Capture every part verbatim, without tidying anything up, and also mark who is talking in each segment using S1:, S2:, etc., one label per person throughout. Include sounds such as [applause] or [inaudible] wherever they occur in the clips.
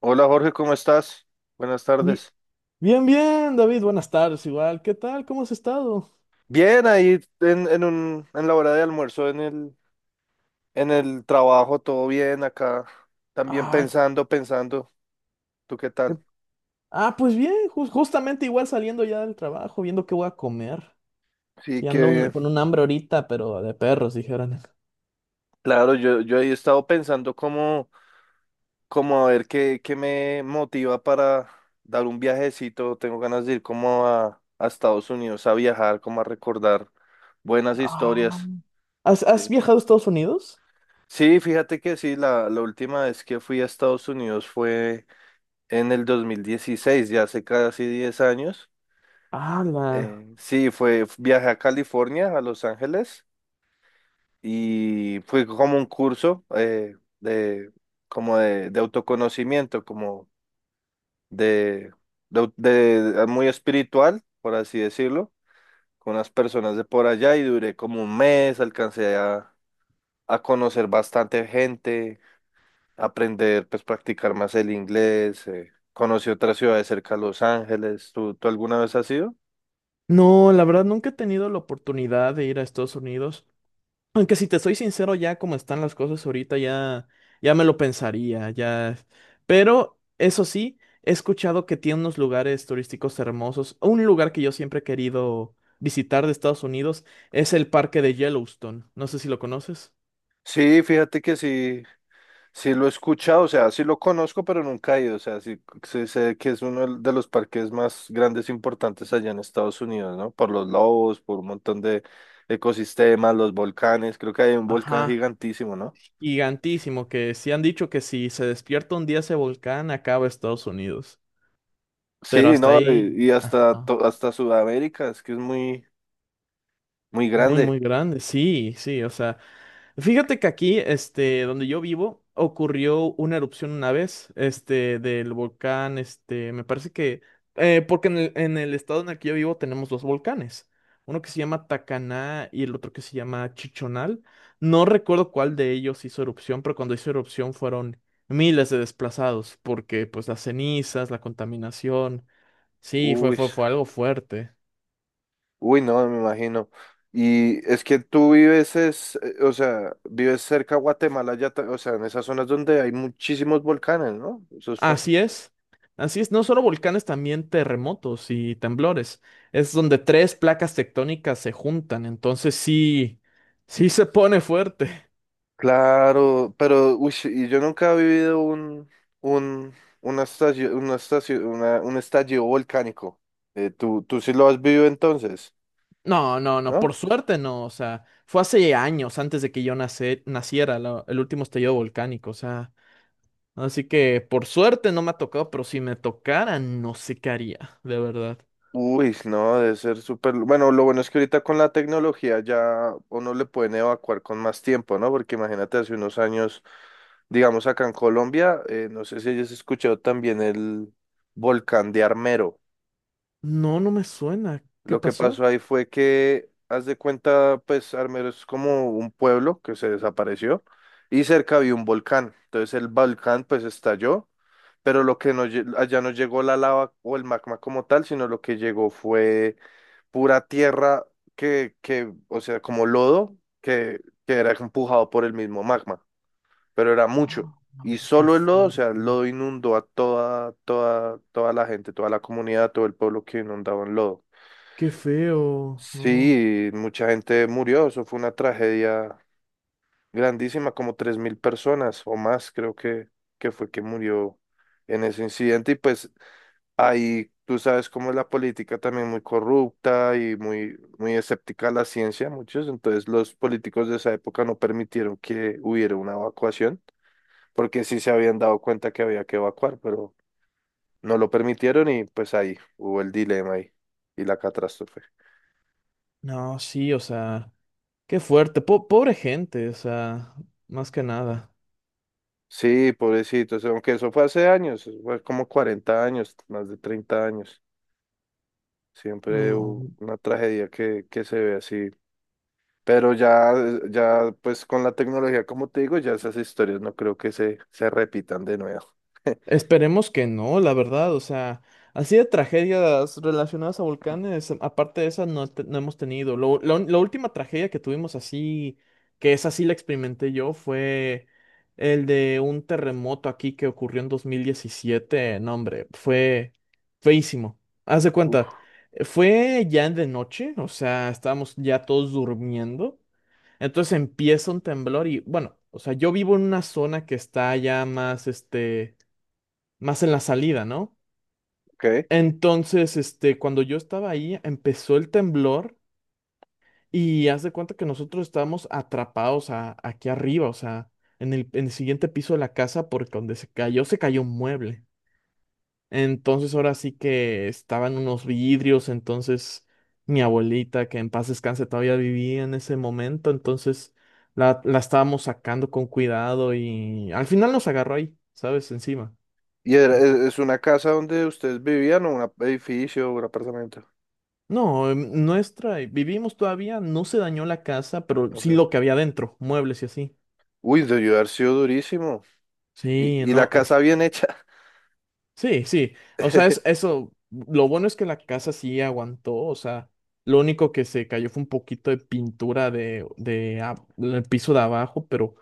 S1: Hola Jorge, ¿cómo estás? Buenas
S2: Bi-
S1: tardes.
S2: Bien, bien, David, buenas tardes, igual. ¿Qué tal? ¿Cómo has estado?
S1: Bien, ahí en, en un, en la hora de almuerzo, en el, en el trabajo, todo bien acá. También
S2: Ah,
S1: pensando, pensando. ¿Tú qué
S2: qué-
S1: tal?
S2: ah, pues bien, jus- justamente igual saliendo ya del trabajo, viendo qué voy a comer.
S1: Sí,
S2: Sí,
S1: qué
S2: ando un-
S1: bien.
S2: con un hambre ahorita, pero de perros, dijeron.
S1: Claro, yo, yo he estado pensando cómo, cómo a ver qué, qué me motiva para dar un viajecito. Tengo ganas de ir como a, a Estados Unidos a viajar, como a recordar buenas
S2: Ah,
S1: historias.
S2: ¿has, has
S1: Sí,
S2: viajado a Estados Unidos?
S1: sí, fíjate que sí, la, la última vez que fui a Estados Unidos fue en el dos mil dieciséis, ya hace casi diez años.
S2: Ah, la...
S1: Eh, sí, fue, viajé a California, a Los Ángeles, y fue como un curso eh, de, como de, de autoconocimiento, como de, de, de- muy espiritual, por así decirlo, con unas personas de por allá y duré como un mes, alcancé a, a conocer bastante gente, aprender, pues practicar más el inglés, eh, conocí otras ciudades cerca a Los Ángeles. ¿Tú, tú alguna vez has ido?
S2: No, la verdad nunca he tenido la oportunidad de ir a Estados Unidos. Aunque si te soy sincero, ya como están las cosas ahorita, ya, ya me lo pensaría, ya. Pero eso sí, he escuchado que tiene unos lugares turísticos hermosos. Un lugar que yo siempre he querido visitar de Estados Unidos es el parque de Yellowstone. No sé si lo conoces.
S1: Sí, fíjate que sí, sí lo he escuchado, o sea, sí lo conozco, pero nunca he ido, o sea, sí, sí sé que es uno de los parques más grandes e importantes allá en Estados Unidos, ¿no? Por los lobos, por un montón de ecosistemas, los volcanes, creo que hay un volcán
S2: Ajá,
S1: gigantísimo, ¿no?
S2: gigantísimo, que sí han dicho que si se despierta un día ese volcán, acaba Estados Unidos. Pero
S1: Sí,
S2: hasta
S1: no, y,
S2: ahí,
S1: y hasta,
S2: ajá,
S1: to- hasta Sudamérica, es que es muy, muy
S2: muy,
S1: grande.
S2: muy grande, sí, sí, o sea, fíjate que aquí, este, donde yo vivo, ocurrió una erupción una vez, este, del volcán, este, me parece que, eh, porque en el, en el estado en el que yo vivo tenemos dos volcanes, uno que se llama Tacaná y el otro que se llama Chichonal. No recuerdo cuál de ellos hizo erupción, pero cuando hizo erupción fueron miles de desplazados, porque pues las cenizas, la contaminación, sí, fue,
S1: Uy.
S2: fue, fue algo fuerte.
S1: Uy, no, me imagino. Y es que tú vives, es, eh, o sea, vives cerca a Guatemala, ya, ta- o sea, en esas zonas donde hay muchísimos volcanes, ¿no? Eso es fa-.
S2: Así es, así es, no solo volcanes, también terremotos y temblores. Es donde tres placas tectónicas se juntan, entonces sí, sí se pone fuerte. [laughs]
S1: Claro, pero, uy, y yo nunca he vivido un, un, una estación, una estación, una, un estallido volcánico. Eh, tú, tú sí lo has vivido entonces,
S2: No, no, no,
S1: ¿no?
S2: por suerte no, o sea, fue hace años antes de que yo nace- naciera la- el último estallido volcánico, o sea, así que por suerte no me ha tocado, pero si me tocara, no sé qué haría, de verdad.
S1: Uy, no, debe ser súper. Bueno, lo bueno es que ahorita con la tecnología ya uno le pueden evacuar con más tiempo, ¿no? Porque imagínate, hace unos años, digamos acá en Colombia, eh, no sé si hayas escuchado también el volcán de Armero.
S2: No, no me suena. ¿Qué
S1: Lo que pasó
S2: pasó?
S1: ahí fue que, haz de cuenta, pues Armero es como un pueblo que se desapareció y cerca había un volcán. Entonces el volcán pues estalló, pero lo que no, lle- allá no llegó la lava o el magma como tal, sino lo que llegó fue pura tierra que, que, o sea, como lodo que, que era empujado por el mismo magma, pero era mucho.
S2: Ah,
S1: Y
S2: qué
S1: solo el lodo, o sea, el
S2: fuerte.
S1: lodo inundó a toda, toda, toda la gente, toda la comunidad, todo el pueblo que inundaba en lodo.
S2: Qué feo, no.
S1: Sí, mucha gente murió, eso fue una tragedia grandísima, como tres mil personas o más creo que, que fue que murió en ese incidente y pues ahí tú sabes cómo es la política también muy corrupta y muy, muy escéptica a la ciencia, muchos. Entonces los políticos de esa época no permitieron que hubiera una evacuación, porque sí se habían dado cuenta que había que evacuar, pero no lo permitieron y pues ahí hubo el dilema ahí y la catástrofe.
S2: No, sí, o sea, qué fuerte, po- pobre gente, o sea, más que nada.
S1: Sí, pobrecitos, aunque eso fue hace años, eso fue como cuarenta años, más de treinta años. Siempre
S2: No,
S1: hubo una tragedia que, que se ve así. Pero ya, ya, pues con la tecnología, como te digo, ya esas historias no creo que se, se repitan de nuevo. [laughs]
S2: esperemos que no, la verdad, o sea, así de tragedias relacionadas a volcanes, aparte de esa no, te- no hemos tenido. Lo- la, un- la última tragedia que tuvimos así, que esa sí la experimenté yo, fue el de un terremoto aquí que ocurrió en dos mil diecisiete. No, hombre, fue feísimo. Haz de
S1: Uf,
S2: cuenta, fue ya de noche, o sea, estábamos ya todos durmiendo. Entonces empieza un temblor y bueno, o sea, yo vivo en una zona que está ya más, este, más en la salida, ¿no?
S1: ok.
S2: Entonces, este, cuando yo estaba ahí, empezó el temblor y haz de cuenta que nosotros estábamos atrapados a- aquí arriba, o sea, en el, en el siguiente piso de la casa porque donde se cayó, se cayó un mueble. Entonces ahora sí que estaban unos vidrios, entonces mi abuelita, que en paz descanse, todavía vivía en ese momento, entonces la, la estábamos sacando con cuidado y al final nos agarró ahí, ¿sabes? Encima.
S1: ¿Y era-
S2: No,
S1: e- es una casa donde ustedes vivían o un edificio o un apartamento?
S2: no, em, nuestra, eh, vivimos todavía, no se dañó la casa, pero sí lo que
S1: Ok.
S2: había dentro, muebles y así.
S1: Uy, debió haber sido durísimo.
S2: Sí,
S1: Y, y la
S2: no,
S1: casa bien hecha.
S2: sí, sí. O sea, es
S1: [laughs]
S2: eso. Lo bueno es que la casa sí aguantó. O sea, lo único que se cayó fue un poquito de pintura de, de ab- del piso de abajo, pero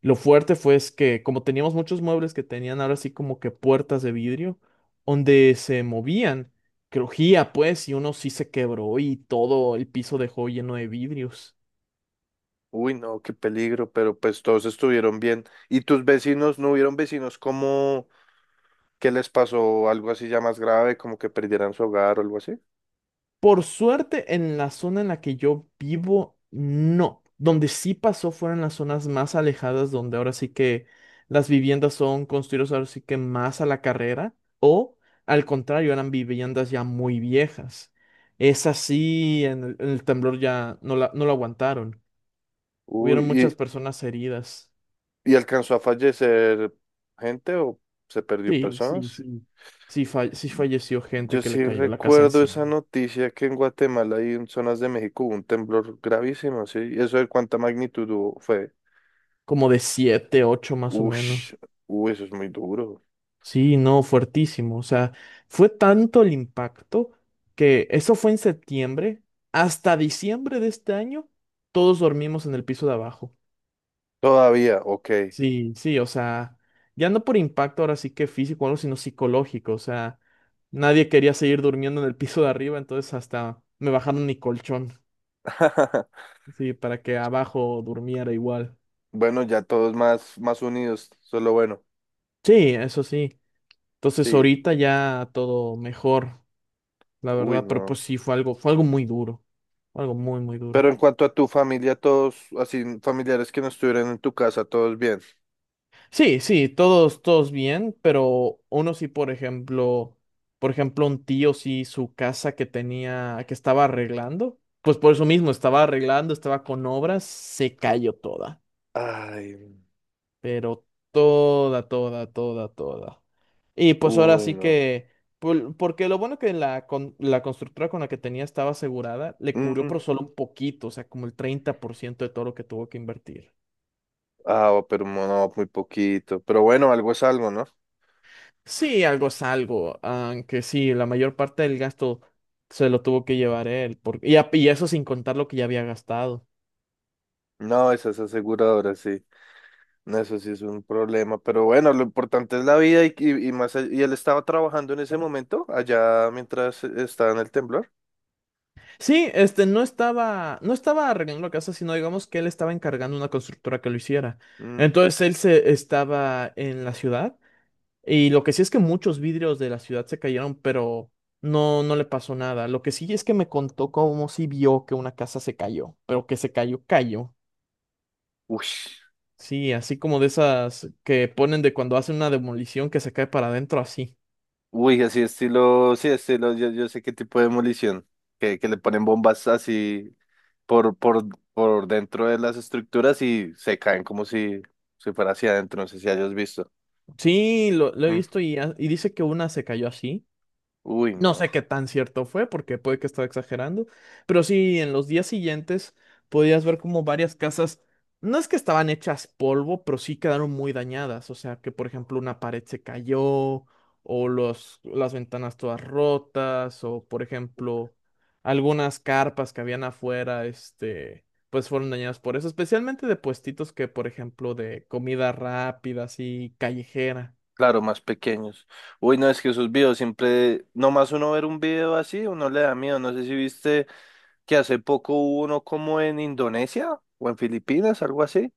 S2: lo fuerte fue es que como teníamos muchos muebles que tenían ahora sí como que puertas de vidrio, donde se movían, crujía pues, y uno sí se quebró y todo el piso dejó lleno de vidrios.
S1: Uy, no, qué peligro, pero pues todos estuvieron bien. ¿Y tus vecinos, no hubieron vecinos como que les pasó algo así ya más grave, como que perdieran su hogar o algo así?
S2: Por suerte, en la zona en la que yo vivo, no. Donde sí pasó fueron las zonas más alejadas, donde ahora sí que las viviendas son construidas ahora sí que más a la carrera, o al contrario, eran viviendas ya muy viejas. Es así, en el, en el temblor ya no la, no lo aguantaron. Hubieron
S1: Uy,
S2: muchas personas heridas.
S1: ¿y alcanzó a fallecer gente o se perdió
S2: Sí, sí,
S1: personas?
S2: sí. Sí, fa- sí falleció gente
S1: Yo
S2: que le
S1: sí
S2: cayó la casa
S1: recuerdo
S2: encima.
S1: esa noticia que en Guatemala y en zonas de México hubo un temblor gravísimo, ¿sí? ¿Y eso de cuánta magnitud hubo? Fue,
S2: Como de siete, ocho más o
S1: uff,
S2: menos.
S1: uy, eso es muy duro.
S2: Sí, no, fuertísimo. O sea, fue tanto el impacto que eso fue en septiembre. Hasta diciembre de este año, todos dormimos en el piso de abajo.
S1: Todavía, ok.
S2: Sí, sí, o sea, ya no por impacto ahora sí que físico, o algo, sino psicológico. O sea, nadie quería seguir durmiendo en el piso de arriba, entonces hasta me bajaron mi colchón,
S1: [laughs]
S2: sí, para que abajo durmiera igual.
S1: Bueno, ya todos más, más unidos, solo bueno,
S2: Sí, eso sí. Entonces
S1: sí,
S2: ahorita ya todo mejor, la
S1: uy,
S2: verdad, pero
S1: no.
S2: pues sí, fue algo, fue algo muy duro, fue algo muy, muy duro.
S1: Pero en cuanto a tu familia, todos, así, familiares que no estuvieran en tu casa, todos bien.
S2: Sí, sí, todos, todos bien, pero uno sí, por ejemplo, por ejemplo, un tío sí, su casa que tenía, que estaba arreglando, pues por eso mismo, estaba arreglando, estaba con obras, se cayó toda,
S1: Ay,
S2: pero toda, toda, toda, toda. Y pues ahora
S1: uy,
S2: sí
S1: no.
S2: que, por- porque lo bueno que la, con- la constructora con la que tenía estaba asegurada, le cubrió por
S1: Mm,
S2: solo un poquito, o sea, como el treinta por ciento de todo lo que tuvo que invertir.
S1: ah, pero mo- no, muy poquito. Pero bueno, algo es algo, ¿no?
S2: Sí, algo es algo, aunque sí, la mayor parte del gasto se lo tuvo que llevar él, porque, y, a- y eso sin contar lo que ya había gastado.
S1: No, esas aseguradoras, sí. No, eso sí es un problema. Pero bueno, lo importante es la vida y, y, y más. all- Y él estaba trabajando en ese momento, allá mientras estaba en el temblor.
S2: Sí, este no estaba, no estaba arreglando la casa, sino digamos que él estaba encargando una constructora que lo hiciera.
S1: Mm.
S2: Entonces él se estaba en la ciudad y lo que sí es que muchos vidrios de la ciudad se cayeron, pero no, no le pasó nada. Lo que sí es que me contó cómo sí vio que una casa se cayó, pero que se cayó, cayó.
S1: Uy,
S2: Sí, así como de esas que ponen de cuando hacen una demolición que se cae para adentro así.
S1: uy, así estilo, sí, estilo, yo, yo sé qué tipo de demolición. Que, que le ponen bombas así por, por, por dentro de las estructuras y se caen como si, si fuera hacia adentro. No sé si hayas visto.
S2: Sí, lo, lo he
S1: Mm.
S2: visto y, ha- y dice que una se cayó así.
S1: Uy,
S2: No
S1: no.
S2: sé qué tan cierto fue, porque puede que estaba exagerando, pero sí, en los días siguientes podías ver como varias casas, no es que estaban hechas polvo, pero sí quedaron muy dañadas, o sea que por ejemplo una pared se cayó, o los, las ventanas todas rotas, o por ejemplo algunas carpas que habían afuera, este, pues fueron dañadas por eso, especialmente de puestitos que por ejemplo de comida rápida, así callejera.
S1: Claro, más pequeños. Uy, no, es que esos videos siempre, nomás uno ver un video así, uno le da miedo. No sé si viste que hace poco hubo uno como en Indonesia o en Filipinas, algo así.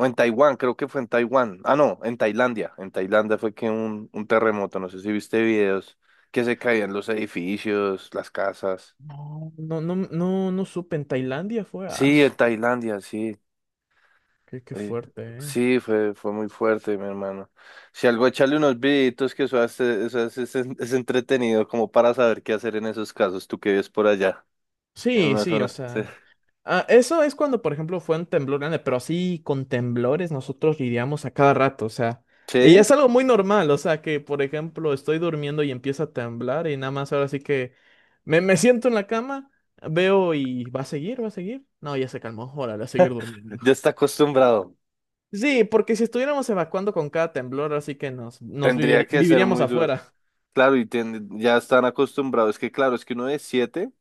S1: O en Taiwán, creo que fue en Taiwán. Ah, no, en Tailandia. En Tailandia fue que un, un terremoto, no sé si viste videos que se caían los edificios, las casas.
S2: No, no, no, no, no supe, en Tailandia fue. ah,
S1: Sí, en Tailandia, sí.
S2: ¿Qué, qué
S1: Eh,
S2: fuerte, eh?
S1: sí, fue, fue muy fuerte, mi hermano. Si algo, echarle unos videitos que eso hace, eso hace- es, es entretenido como para saber qué hacer en esos casos, tú que vives por allá, en
S2: Sí,
S1: una
S2: sí, o
S1: zona. Sí,
S2: sea. Ah, eso es cuando, por ejemplo, fue un temblor grande, pero así con temblores nosotros lidiamos a cada rato, o sea. Y
S1: sí,
S2: es algo muy normal, o sea, que, por ejemplo, estoy durmiendo y empieza a temblar y nada más ahora sí que me, me siento en la cama, veo y va a seguir, va a seguir. No, ya se calmó, órale, a seguir durmiendo.
S1: ya
S2: [laughs]
S1: está acostumbrado.
S2: Sí, porque si estuviéramos evacuando con cada temblor, así que nos, nos
S1: Tendría
S2: vivir-
S1: que ser
S2: viviríamos
S1: muy duro.
S2: afuera. [laughs]
S1: Claro, y ten- ya están acostumbrados. Es que claro, es que uno de siete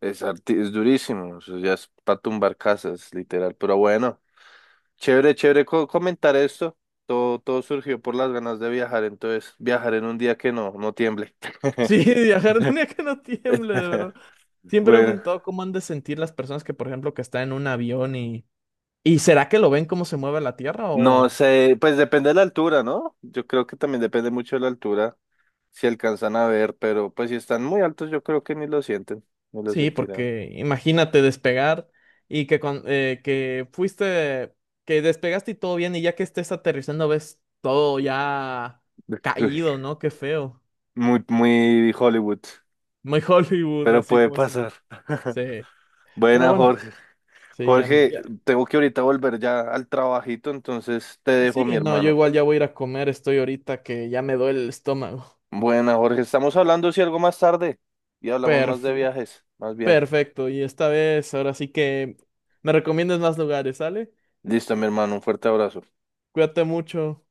S1: es, arti- es durísimo. Eso ya es para tumbar casas, literal. Pero bueno, chévere, chévere co- comentar esto. Todo, todo surgió por las ganas de viajar, entonces viajar en un día que no, no tiemble.
S2: Sí,
S1: [laughs]
S2: viajar en un día que no tiemble, de verdad.
S1: [laughs]
S2: Siempre me he
S1: Bueno,
S2: preguntado cómo han de sentir las personas que, por ejemplo, que están en un avión y... ¿Y será que lo ven cómo se mueve la Tierra
S1: no
S2: o...?
S1: sé, pues depende de la altura, ¿no? Yo creo que también depende mucho de la altura, si alcanzan a ver, pero pues si están muy altos, yo creo que ni lo sienten, no lo
S2: Sí,
S1: sentirán.
S2: porque imagínate despegar y que, cuan- eh, que fuiste, que despegaste y todo bien y ya que estés aterrizando ves todo ya caído,
S1: [laughs]
S2: ¿no? Qué feo.
S1: Muy, muy Hollywood,
S2: [laughs] Muy Hollywood,
S1: pero
S2: así
S1: puede
S2: como se...
S1: pasar. [laughs]
S2: Sí, pero
S1: Buena,
S2: bueno,
S1: Jorge.
S2: sí, ya,
S1: Jorge,
S2: ya-
S1: tengo que ahorita volver ya al trabajito, entonces te
S2: Sí,
S1: dejo, mi
S2: no, yo
S1: hermano.
S2: igual ya voy a ir a comer, estoy ahorita que ya me duele el estómago.
S1: Buena, Jorge, estamos hablando si algo más tarde y
S2: [laughs]
S1: hablamos más de
S2: Perfecto.
S1: viajes, más bien.
S2: Perfecto, y esta vez, ahora sí que me recomiendas más lugares, ¿sale?
S1: Listo, mi hermano, un fuerte abrazo.
S2: Cuídate mucho.